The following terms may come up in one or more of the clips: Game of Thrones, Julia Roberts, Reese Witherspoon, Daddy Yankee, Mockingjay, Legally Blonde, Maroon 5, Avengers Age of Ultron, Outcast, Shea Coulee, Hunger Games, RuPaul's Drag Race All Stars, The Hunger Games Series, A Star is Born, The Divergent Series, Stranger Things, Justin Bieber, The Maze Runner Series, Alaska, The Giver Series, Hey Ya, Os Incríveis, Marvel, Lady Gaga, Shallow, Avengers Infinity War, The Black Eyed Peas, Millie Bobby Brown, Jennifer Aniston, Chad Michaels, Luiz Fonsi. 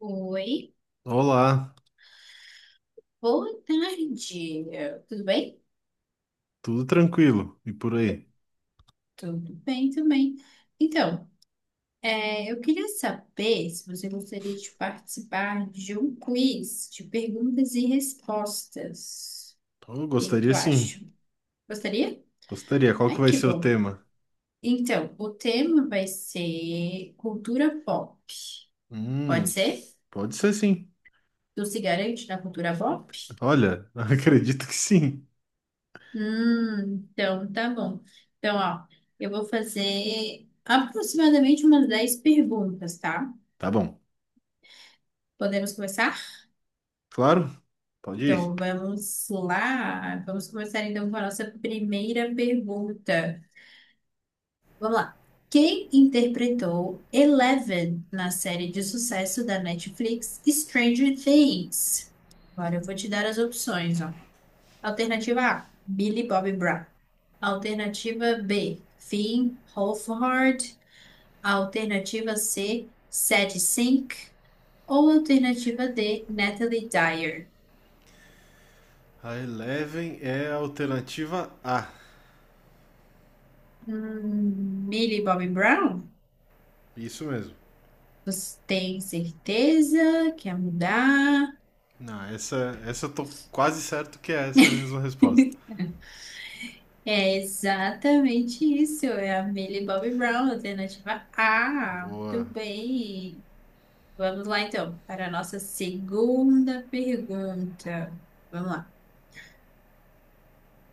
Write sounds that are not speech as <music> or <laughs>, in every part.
Oi, Olá, boa tarde. Tudo bem? tudo tranquilo? E por aí? Tudo bem também. Então, eu queria saber se você gostaria de participar de um quiz de perguntas e respostas. Eu O que é que tu gostaria sim, acha? Gostaria? gostaria. Qual que Ai, vai que ser o bom. tema? Então, o tema vai ser cultura pop. Pode Hum, ser? pode ser sim. Tu se garante na cultura pop? Olha, <laughs> acredito que sim. Então, tá bom. Então, ó, eu vou fazer aproximadamente umas 10 perguntas, tá? Tá bom, Podemos começar? claro, pode ir. Então, vamos lá. Vamos começar então com a nossa primeira pergunta. Vamos lá. Quem interpretou Eleven na série de sucesso da Netflix Stranger Things? Agora eu vou te dar as opções, ó. Alternativa A, Billy Bobby Brown. Alternativa B, Finn Wolfhard. A alternativa C, Sadie Sink. Ou a alternativa D, Natalie Dyer. A Eleven é a alternativa A. Millie Bobby Brown? Isso mesmo. Você tem certeza? Quer mudar? Não, essa eu tô quase certo que é essa a mesma resposta. É exatamente isso. É a Millie Bobby Brown, alternativa A. Muito Boa. bem. Vamos lá, então, para a nossa segunda pergunta. Vamos lá.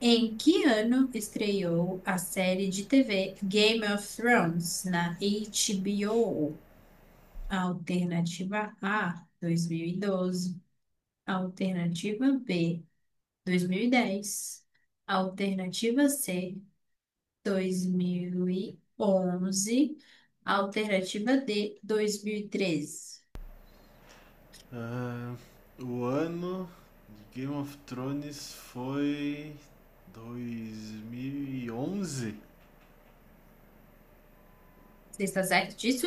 Em que ano estreou a série de TV Game of Thrones na HBO? Alternativa A, 2012. Alternativa B, 2010. Alternativa C, 2011. Alternativa D, 2013. Ah, o ano de Game of Thrones foi 2011. Você está certo disso?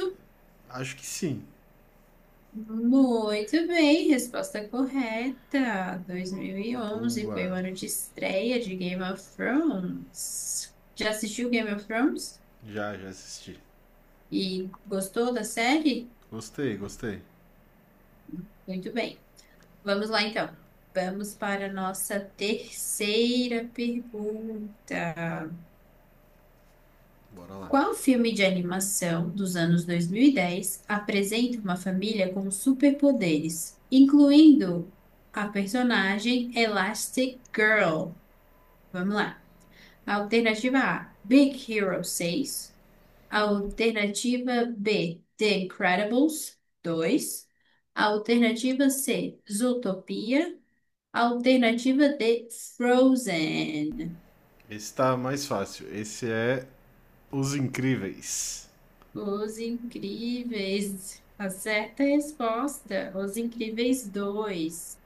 Acho que sim. Muito bem, resposta correta. 2011 foi o Boa. ano de estreia de Game of Thrones. Já assistiu Game of Thrones? Já, já assisti. E gostou da série? Gostei, gostei. Muito bem. Vamos lá então. Vamos para a nossa terceira pergunta. Bora lá. Qual filme de animação dos anos 2010 apresenta uma família com superpoderes, incluindo a personagem Elastic Girl? Vamos lá. Alternativa A, Big Hero seis. Alternativa B, The Incredibles dois. Alternativa C, Zootopia. Alternativa D, Frozen. Esse tá mais fácil. Esse é Os Incríveis. Os Incríveis. A certa resposta, Os Incríveis dois.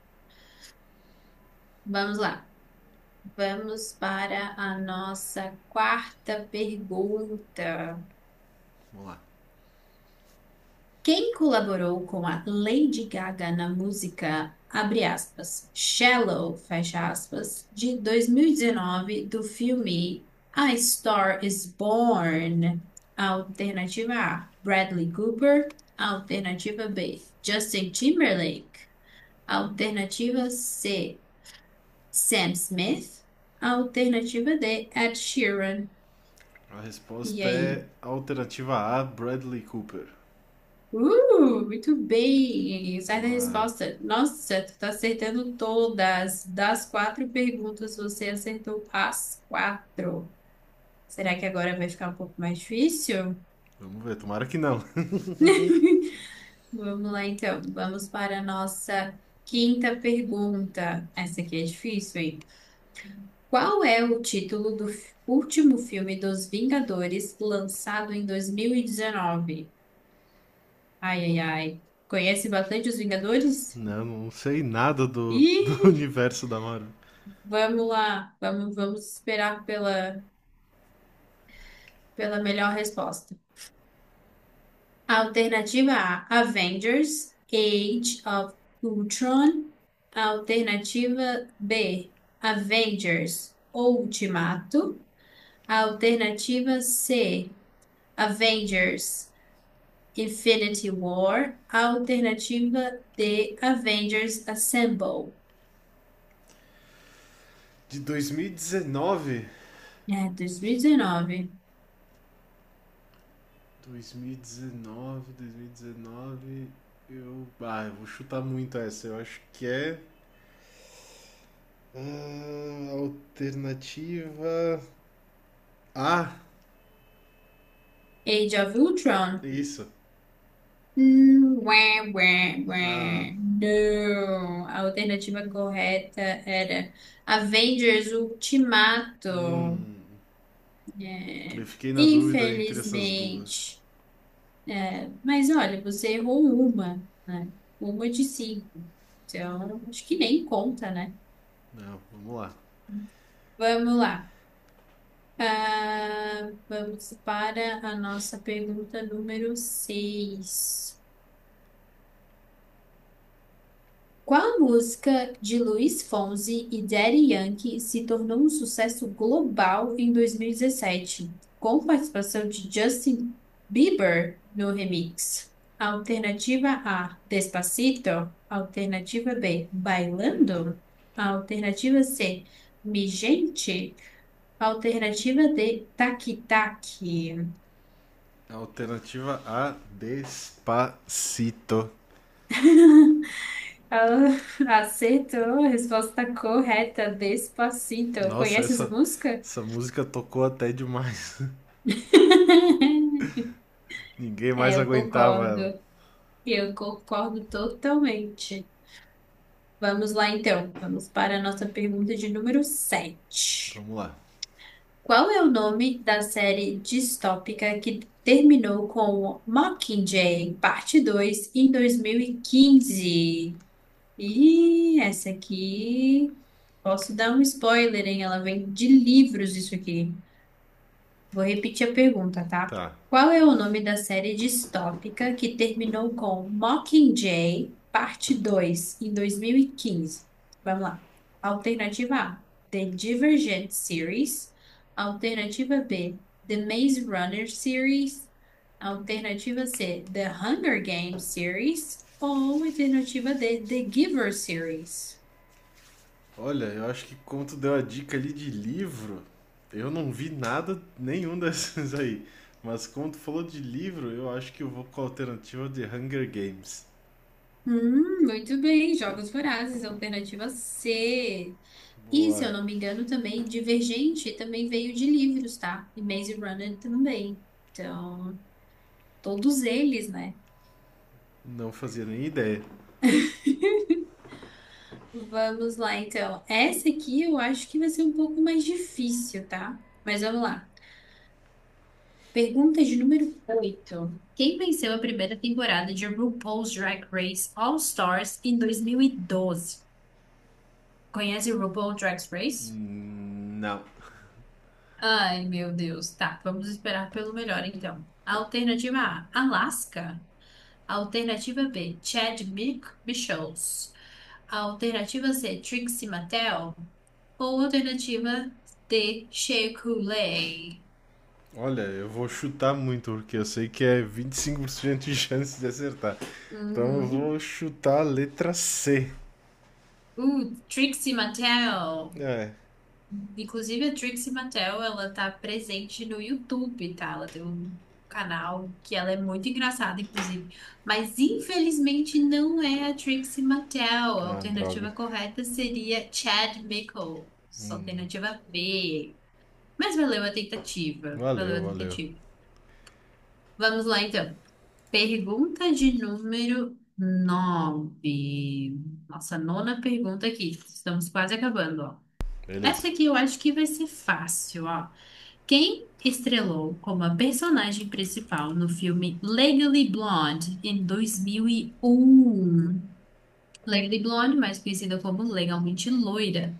Vamos lá. Vamos para a nossa quarta pergunta. Vamos lá. Quem colaborou com a Lady Gaga na música, abre aspas, Shallow, fecha aspas, de 2019 do filme A Star is Born? Alternativa A, Bradley Cooper. Alternativa B, Justin Timberlake. Alternativa C, Sam Smith. Alternativa D, Ed Sheeran. A E resposta aí? é alternativa A, Bradley Cooper. Muito bem. Certa Boa. resposta. Nossa, tu tá acertando todas. Das quatro perguntas, você acertou as quatro. Será que agora vai ficar um pouco mais difícil? Vamos ver, tomara que não. <laughs> <laughs> Vamos lá, então. Vamos para a nossa quinta pergunta. Essa aqui é difícil, hein? Qual é o título do último filme dos Vingadores lançado em 2019? Ai, ai, ai. Conhece bastante os Vingadores? Não, não sei nada do, <laughs> do Ih! universo da Marvel. Vamos lá, vamos esperar pela melhor resposta. Alternativa A: Avengers, Age of Ultron. Alternativa B: Avengers, Ultimato. Alternativa C: Avengers, Infinity War. Alternativa D: Avengers Assemble. De dois mil e dezenove? É, 2019. 2019, dois mil e 2019. 2019, 2019. Eu. Ah, eu vou chutar muito essa. Eu acho que é. Ah, alternativa. A, Age of Ultron. isso. Ué, ué, Ah, ué. Não. A alternativa correta era Avengers Ultimato. hum, eu É, fiquei na dúvida entre essas duas. infelizmente. É, mas olha, você errou uma, né? Uma de cinco. Então, acho que nem conta, né? Não, vamos lá. Vamos lá. Ah, vamos para a nossa pergunta número seis. Qual música de Luiz Fonsi e Daddy Yankee se tornou um sucesso global em 2017, com participação de Justin Bieber no remix? Alternativa A, Despacito. Alternativa B, Bailando. Alternativa C, Mi Gente. Alternativa D, Taqui Taqui. Alternativa A, Despacito. Ah, <laughs> acertou a resposta correta, Despacito. Nossa, Conhece essa essa, música? essa música tocou até demais. <laughs> <laughs> Ninguém É, mais eu aguentava concordo. ela. Eu concordo totalmente. Vamos lá, então. Vamos para a nossa pergunta de número 7. Vamos lá. Qual é o nome da série distópica que terminou com Mockingjay, parte 2, em 2015? E quinze? E essa aqui. Posso dar um spoiler, hein? Ela vem de livros, isso aqui. Vou repetir a pergunta, tá? Tá. Qual é o nome da série distópica que terminou com Mockingjay, parte 2 em 2015? Vamos lá. Alternativa A, The Divergent Series. Alternativa B, The Maze Runner Series. Alternativa C, The Hunger Games Series. Ou alternativa D, The Giver Series. Olha, eu acho que como tu deu a dica ali de livro, eu não vi nada nenhum <laughs> desses aí. Mas como tu falou de livro, eu acho que eu vou com a alternativa de Hunger Games. Muito bem, Jogos Vorazes, alternativa C. E, se Boa. eu não me engano, também Divergente também veio de livros, tá? E Maze Runner também. Então, todos eles, né? Não fazia nem ideia. Vamos lá, então. Essa aqui eu acho que vai ser um pouco mais difícil, tá? Mas vamos lá. Pergunta de número 8. Quem venceu a primeira temporada de RuPaul's Drag Race All Stars em 2012? Conhece RuPaul Drag Race? Não. Ai, meu Deus. Tá, vamos esperar pelo melhor, então. Alternativa A, Alaska. Alternativa B, Chad Michaels. Alternativa C, Trixie Mattel. Ou alternativa D, Shea Coulee. Olha, eu vou chutar muito, porque eu sei que é 25% de chance de acertar. Então eu Uhum. vou chutar a letra C. Trixie Mattel. É. Inclusive, a Trixie Mattel, ela tá presente no YouTube, tá? Ela tem um canal que ela é muito engraçada, inclusive. Mas, infelizmente, não é a Trixie Mattel. A Ah, droga. alternativa correta seria Chad Michaels. Alternativa B. Mas valeu a tentativa. Valeu Valeu, a valeu. tentativa. Vamos lá, então. Pergunta de número 9. Nossa, nona pergunta aqui. Estamos quase acabando, ó. Essa Beleza. aqui eu acho que vai ser fácil, ó. Quem estrelou como a personagem principal no filme Legally Blonde em 2001? Legally Blonde, mais conhecida como Legalmente Loira.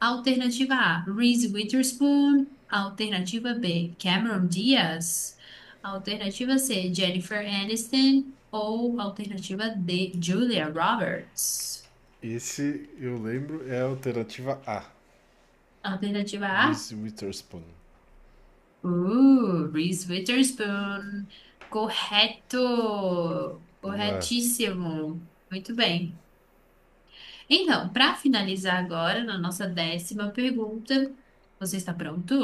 Alternativa A, Reese Witherspoon. Alternativa B, Cameron Diaz. Alternativa C, Jennifer Aniston. Ou alternativa D, Julia Roberts. Esse, eu lembro, é a alternativa A. Alternativa A, Reese Witherspoon. Reese Witherspoon. Correto! Boa, Corretíssimo! Muito bem. Então, para finalizar agora, na nossa 10ª pergunta, você está pronto?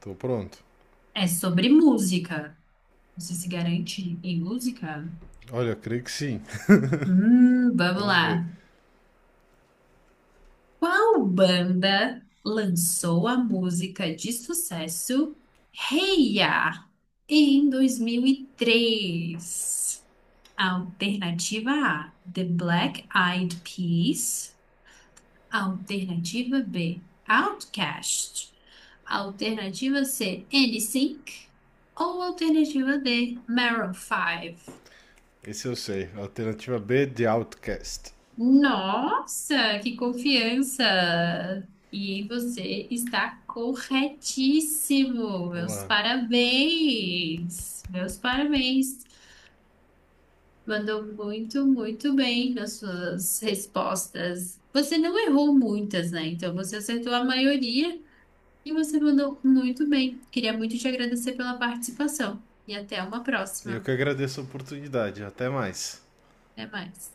tô pronto. É sobre música. Você se garante em música? Olha, eu creio que sim. <laughs> Vamos Vamos ver. lá. Qual banda lançou a música de sucesso Hey Ya em 2003? Alternativa A, The Black Eyed Peas. Alternativa B, Outkast. Alternativa C, NSYNC. Ou alternativa D, Maroon 5. Esse eu sei. Alternativa B de Outcast. Nossa, que confiança! E você está corretíssimo. Meus Boa. parabéns. Meus parabéns. Mandou muito, muito bem nas suas respostas. Você não errou muitas, né? Então você acertou a maioria e você mandou muito bem. Queria muito te agradecer pela participação. E até uma E eu próxima. que agradeço a oportunidade. Até mais. Até mais.